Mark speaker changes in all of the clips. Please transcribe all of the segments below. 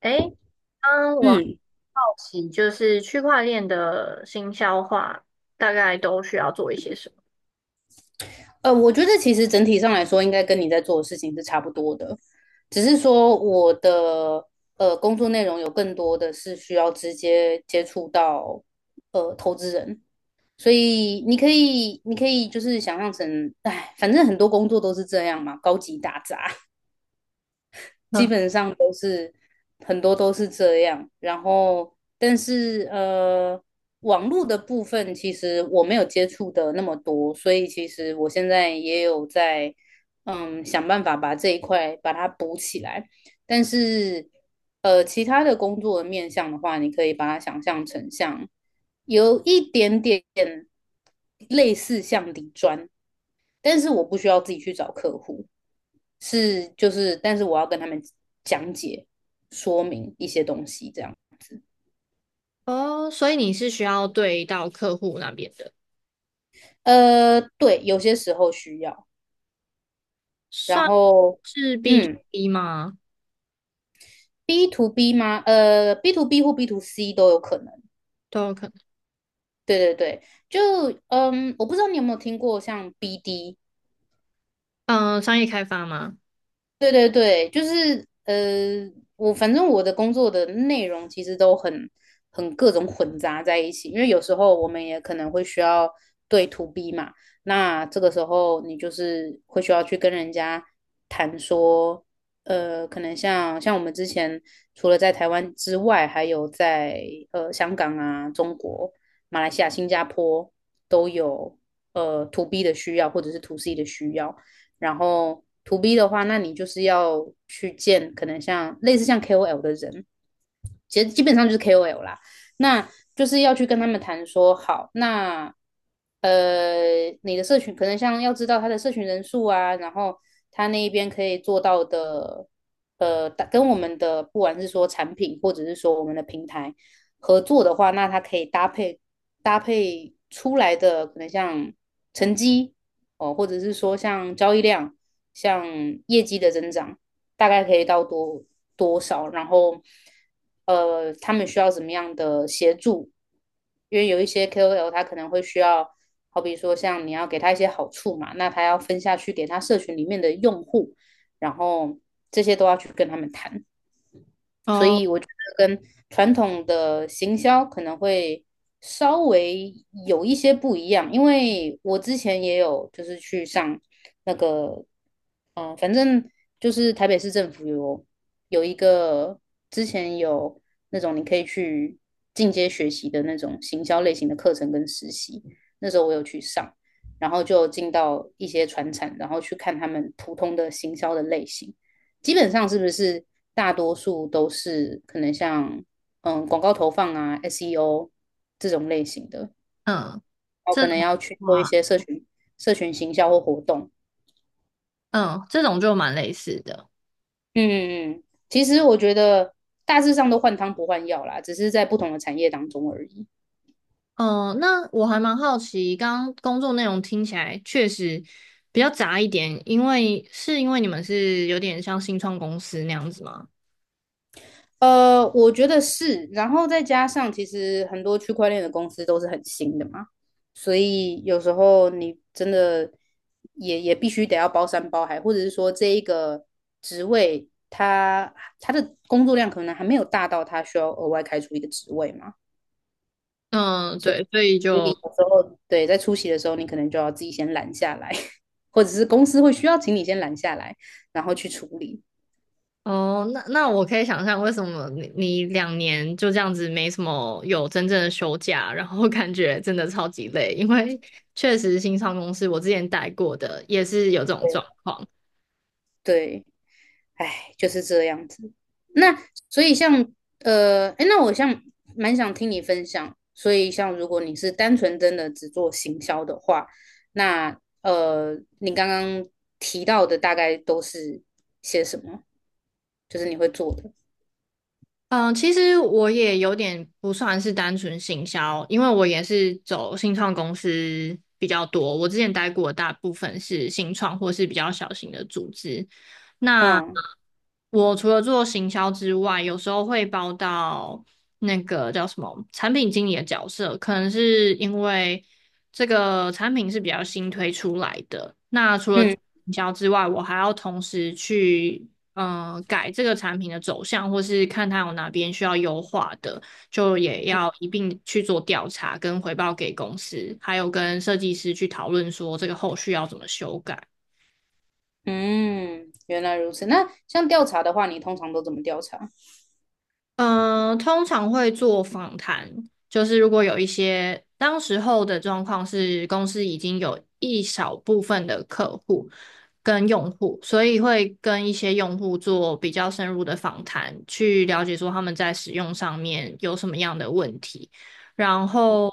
Speaker 1: 诶，刚我
Speaker 2: 嗯，
Speaker 1: 好奇，就是区块链的新消化大概都需要做一些什
Speaker 2: 我觉得其实整体上来说，应该跟你在做的事情是差不多的，只是说我的工作内容有更多的是需要直接接触到投资人，所以你可以就是想象成，哎，反正很多工作都是这样嘛，高级打杂。基
Speaker 1: 么？
Speaker 2: 本上都是很多都是这样。然后，但是，网络的部分其实我没有接触的那么多，所以其实我现在也有在想办法把这一块把它补起来。但是其他的工作的面向的话，你可以把它想象成像有一点点类似像底砖，但是我不需要自己去找客户。是就是，但是我要跟他们讲解说明一些东西，这样。
Speaker 1: 嗯，哦，所以你是需要对到客户那边的，
Speaker 2: 对，有些时候需要。然
Speaker 1: 算
Speaker 2: 后，
Speaker 1: 是 B to
Speaker 2: 嗯
Speaker 1: B 吗？
Speaker 2: ，B to B 吗？B to B 或 B to C 都有可能。
Speaker 1: 都有可能，
Speaker 2: 对对对，就嗯，我不知道你有没有听过像 BD，
Speaker 1: 嗯、商业开发吗？
Speaker 2: 对对对，就是，我反正我的工作的内容其实都很各种混杂在一起，因为有时候我们也可能会需要对 to B 嘛，那这个时候你就是会需要去跟人家谈说，可能像我们之前除了在台湾之外，还有在香港啊、中国、马来西亚、新加坡都有to B 的需要或者是 to C 的需要。然后 to B 的话，那你就是要去见可能像类似像 KOL 的人，其实基本上就是 KOL 啦。那就是要去跟他们谈说，好，那你的社群可能像要知道他的社群人数啊，然后他那一边可以做到的，跟我们的不管是说产品或者是说我们的平台合作的话，那它可以搭配出来的可能像成绩哦，或者是说像交易量、像业绩的增长，大概可以到多少，然后他们需要怎么样的协助？因为有一些 KOL 他可能会需要，好比说像你要给他一些好处嘛，那他要分下去给他社群里面的用户，然后这些都要去跟他们谈。
Speaker 1: 哦，
Speaker 2: 跟传统的行销可能会稍微有一些不一样，因为我之前也有就是去上那个，反正就是台北市政府有一个之前有那种你可以去进阶学习的那种行销类型的课程跟实习，那时候我有去上，然后就进到一些传产，然后去看他们普通的行销的类型。基本上是不是大多数都是可能像广告投放啊、SEO 这种类型的，然
Speaker 1: 嗯，
Speaker 2: 后
Speaker 1: 这
Speaker 2: 可能
Speaker 1: 种
Speaker 2: 要去做一
Speaker 1: 哇，
Speaker 2: 些社群行销或活动。
Speaker 1: 嗯，这种就蛮类似的。
Speaker 2: 嗯嗯，其实我觉得大致上都换汤不换药啦，只是在不同的产业当中而已。
Speaker 1: 嗯、那我还蛮好奇，刚刚工作内容听起来确实比较杂一点，因为是因为你们是有点像新创公司那样子吗？
Speaker 2: 我觉得是，然后再加上其实很多区块链的公司都是很新的嘛，所以有时候你真的也必须得要包山包海，或者是说这一个职位他的工作量可能还没有大到他需要额外开出一个职位嘛，
Speaker 1: 嗯，
Speaker 2: 所以
Speaker 1: 对，所以
Speaker 2: 所以
Speaker 1: 就
Speaker 2: 有时候对在出席的时候，你可能就要自己先拦下来，或者是公司会需要请你先拦下来，然后去处理，
Speaker 1: 哦，那那我可以想象为什么你两年就这样子没什么有真正的休假，然后感觉真的超级累，因为确实新创公司我之前待过的也是有这种状况。
Speaker 2: 对。哎，就是这样子。那所以像哎，那我像蛮想听你分享。所以像如果你是单纯真的只做行销的话，那你刚刚提到的大概都是些什么？就是你会做的。
Speaker 1: 嗯，其实我也有点不算是单纯行销，因为我也是走新创公司比较多。我之前待过的大部分是新创或是比较小型的组织。那
Speaker 2: 嗯
Speaker 1: 我除了做行销之外，有时候会包到那个叫什么产品经理的角色，可能是因为这个产品是比较新推出来的。那除了
Speaker 2: 嗯
Speaker 1: 行销之外，我还要同时去。改这个产品的走向，或是看它有哪边需要优化的，就也要一并去做调查跟回报给公司，还有跟设计师去讨论说这个后续要怎么修改。
Speaker 2: 嗯，原来如此。那像调查的话，你通常都怎么调查？
Speaker 1: 嗯，通常会做访谈，就是如果有一些当时候的状况是公司已经有一小部分的客户跟用户，所以会跟一些用户做比较深入的访谈，去了解说他们在使用上面有什么样的问题，然后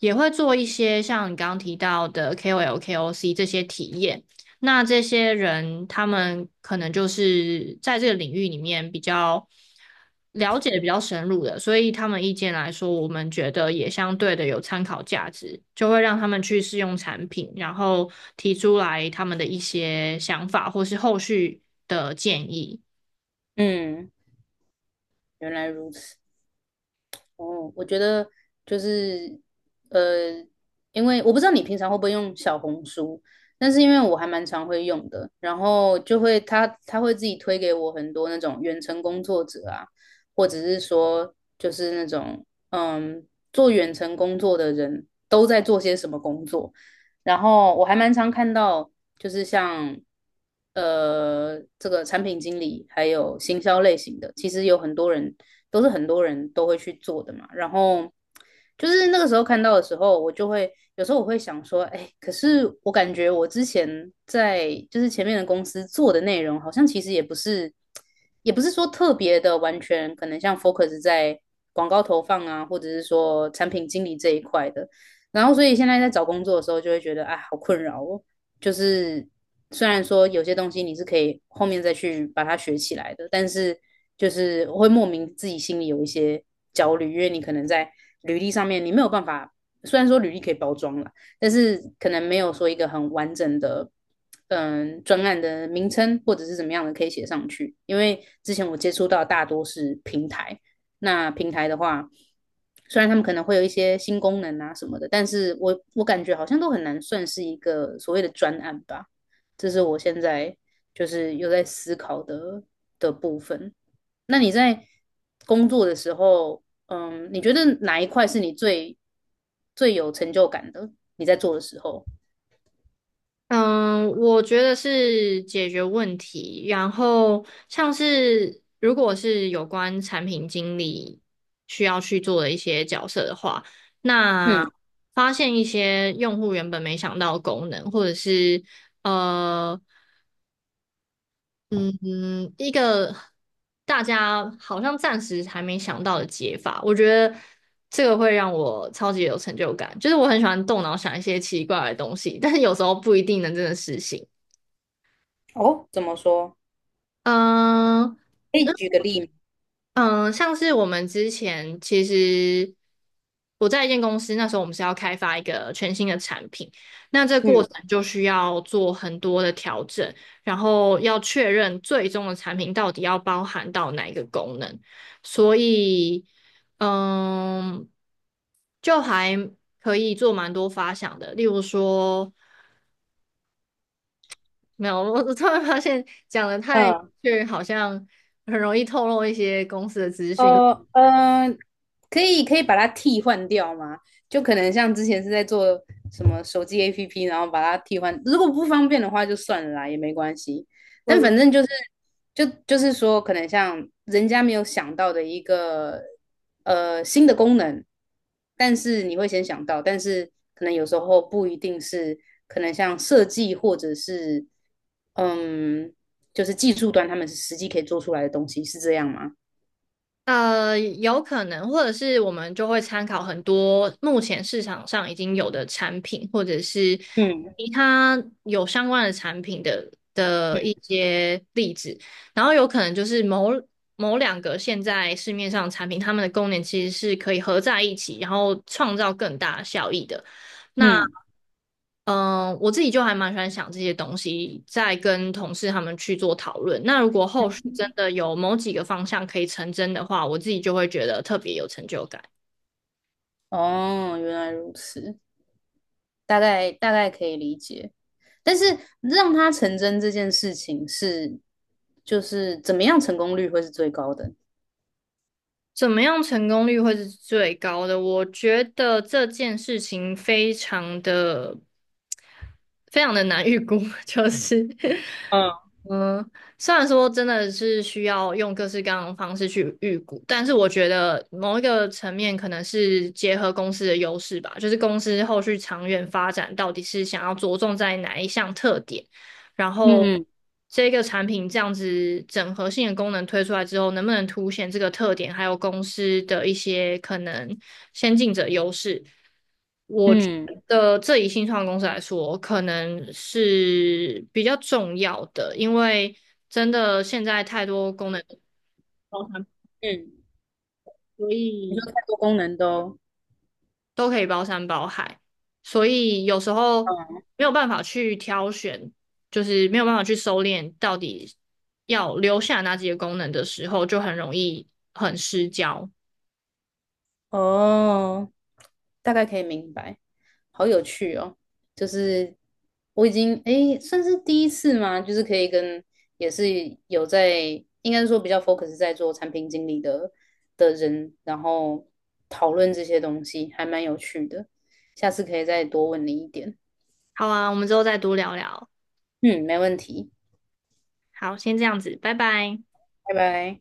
Speaker 1: 也会做一些像你刚刚提到的 KOL、KOC 这些体验。那这些人，他们可能就是在这个领域里面比较了解比较深入的，所以他们意见来说，我们觉得也相对的有参考价值，就会让他们去试用产品，然后提出来他们的一些想法或是后续的建议。
Speaker 2: 嗯，原来如此。哦，我觉得就是呃，因为我不知道你平常会不会用小红书，但是因为我还蛮常会用的，然后就会他会自己推给我很多那种远程工作者啊，或者是说就是那种做远程工作的人都在做些什么工作，然后我还蛮常看到，就是像这个产品经理还有行销类型的，其实有很多人都是很多人都会去做的嘛。然后就是那个时候看到的时候，我就会有时候我会想说，哎，可是我感觉我之前在就是前面的公司做的内容，好像其实也不是，也不是说特别的完全可能像 focus 在广告投放啊，或者是说产品经理这一块的。然后所以现在在找工作的时候，就会觉得啊，好困扰哦。就是虽然说有些东西你是可以后面再去把它学起来的，但是就是会莫名自己心里有一些焦虑，因为你可能在履历上面你没有办法，虽然说履历可以包装了，但是可能没有说一个很完整的。嗯，专案的名称或者是怎么样的可以写上去，因为之前我接触到大多是平台，那平台的话，虽然他们可能会有一些新功能啊什么的，但是我感觉好像都很难算是一个所谓的专案吧。这是我现在就是有在思考的部分。那你在工作的时候，嗯，你觉得哪一块是你最有成就感的？你在做的时候，
Speaker 1: 嗯，我觉得是解决问题。然后像是如果是有关产品经理需要去做的一些角色的话，那
Speaker 2: 嗯，
Speaker 1: 发现一些用户原本没想到的功能，或者是呃嗯一个大家好像暂时还没想到的解法，我觉得这个会让我超级有成就感。就是我很喜欢动脑想一些奇怪的东西，但是有时候不一定能真的实行。
Speaker 2: 哦，怎么说？
Speaker 1: 嗯
Speaker 2: 可以
Speaker 1: 嗯，
Speaker 2: 举个例吗？
Speaker 1: 嗯，像是我们之前其实我在一间公司，那时候我们是要开发一个全新的产品，那这过
Speaker 2: 嗯
Speaker 1: 程就需要做很多的调整，然后要确认最终的产品到底要包含到哪一个功能，所以嗯，就还可以做蛮多发想的，例如说。没有，我突然发现讲的太明
Speaker 2: 嗯
Speaker 1: 确，好像很容易透露一些公司的资讯。
Speaker 2: 呃嗯、可以把它替换掉吗？就可能像之前是在做什么手机 APP，然后把它替换，如果不方便的话就算了啦，也没关系。但
Speaker 1: 我
Speaker 2: 反正就是就是说，可能像人家没有想到的一个新的功能，但是你会先想到，但是可能有时候不一定是可能像设计或者是嗯，就是技术端他们是实际可以做出来的东西，是这样吗？
Speaker 1: 有可能，或者是我们就会参考很多目前市场上已经有的产品，或者是
Speaker 2: 嗯。
Speaker 1: 其他有相关的产品的一些例子，然后有可能就是某两个现在市面上的产品，它们的功能其实是可以合在一起，然后创造更大的效益的。那
Speaker 2: 嗯，
Speaker 1: 我自己就还蛮喜欢想这些东西，再跟同事他们去做讨论。那如果后续真的有某几个方向可以成真的话，我自己就会觉得特别有成就感。
Speaker 2: 哦，原来如此，大概可以理解。但是让它成真这件事情是，就是怎么样成功率会是最高的？
Speaker 1: 怎么样成功率会是最高的？我觉得这件事情非常的难预估，就嗯是，
Speaker 2: 嗯
Speaker 1: 嗯，虽然说真的是需要用各式各样的方式去预估，但是我觉得某一个层面可能是结合公司的优势吧，就是公司后续长远发展到底是想要着重在哪一项特点。然后
Speaker 2: 嗯
Speaker 1: 这个产品这样子整合性的功能推出来之后，能不能凸显这个特点，还有公司的一些可能先进者优势？我觉
Speaker 2: 嗯
Speaker 1: 得这以新创公司来说，可能是比较重要的，因为真的现在太多功能包含，
Speaker 2: 嗯，
Speaker 1: 所
Speaker 2: 你
Speaker 1: 以。
Speaker 2: 说太多功能都，
Speaker 1: 都可以包山包海，所以有时候
Speaker 2: 嗯。
Speaker 1: 没有办法去挑选，就是没有办法去收敛到底要留下哪几个功能的时候，就很容易很失焦。
Speaker 2: 哦，大概可以明白，好有趣哦！就是我已经诶，算是第一次嘛，就是可以跟也是有在，应该是说比较 focus 在做产品经理的人，然后讨论这些东西，还蛮有趣的。下次可以再多问你一点。
Speaker 1: 好啊，我们之后再多聊聊。
Speaker 2: 嗯，没问题，
Speaker 1: 好，先这样子，拜拜。
Speaker 2: 拜拜。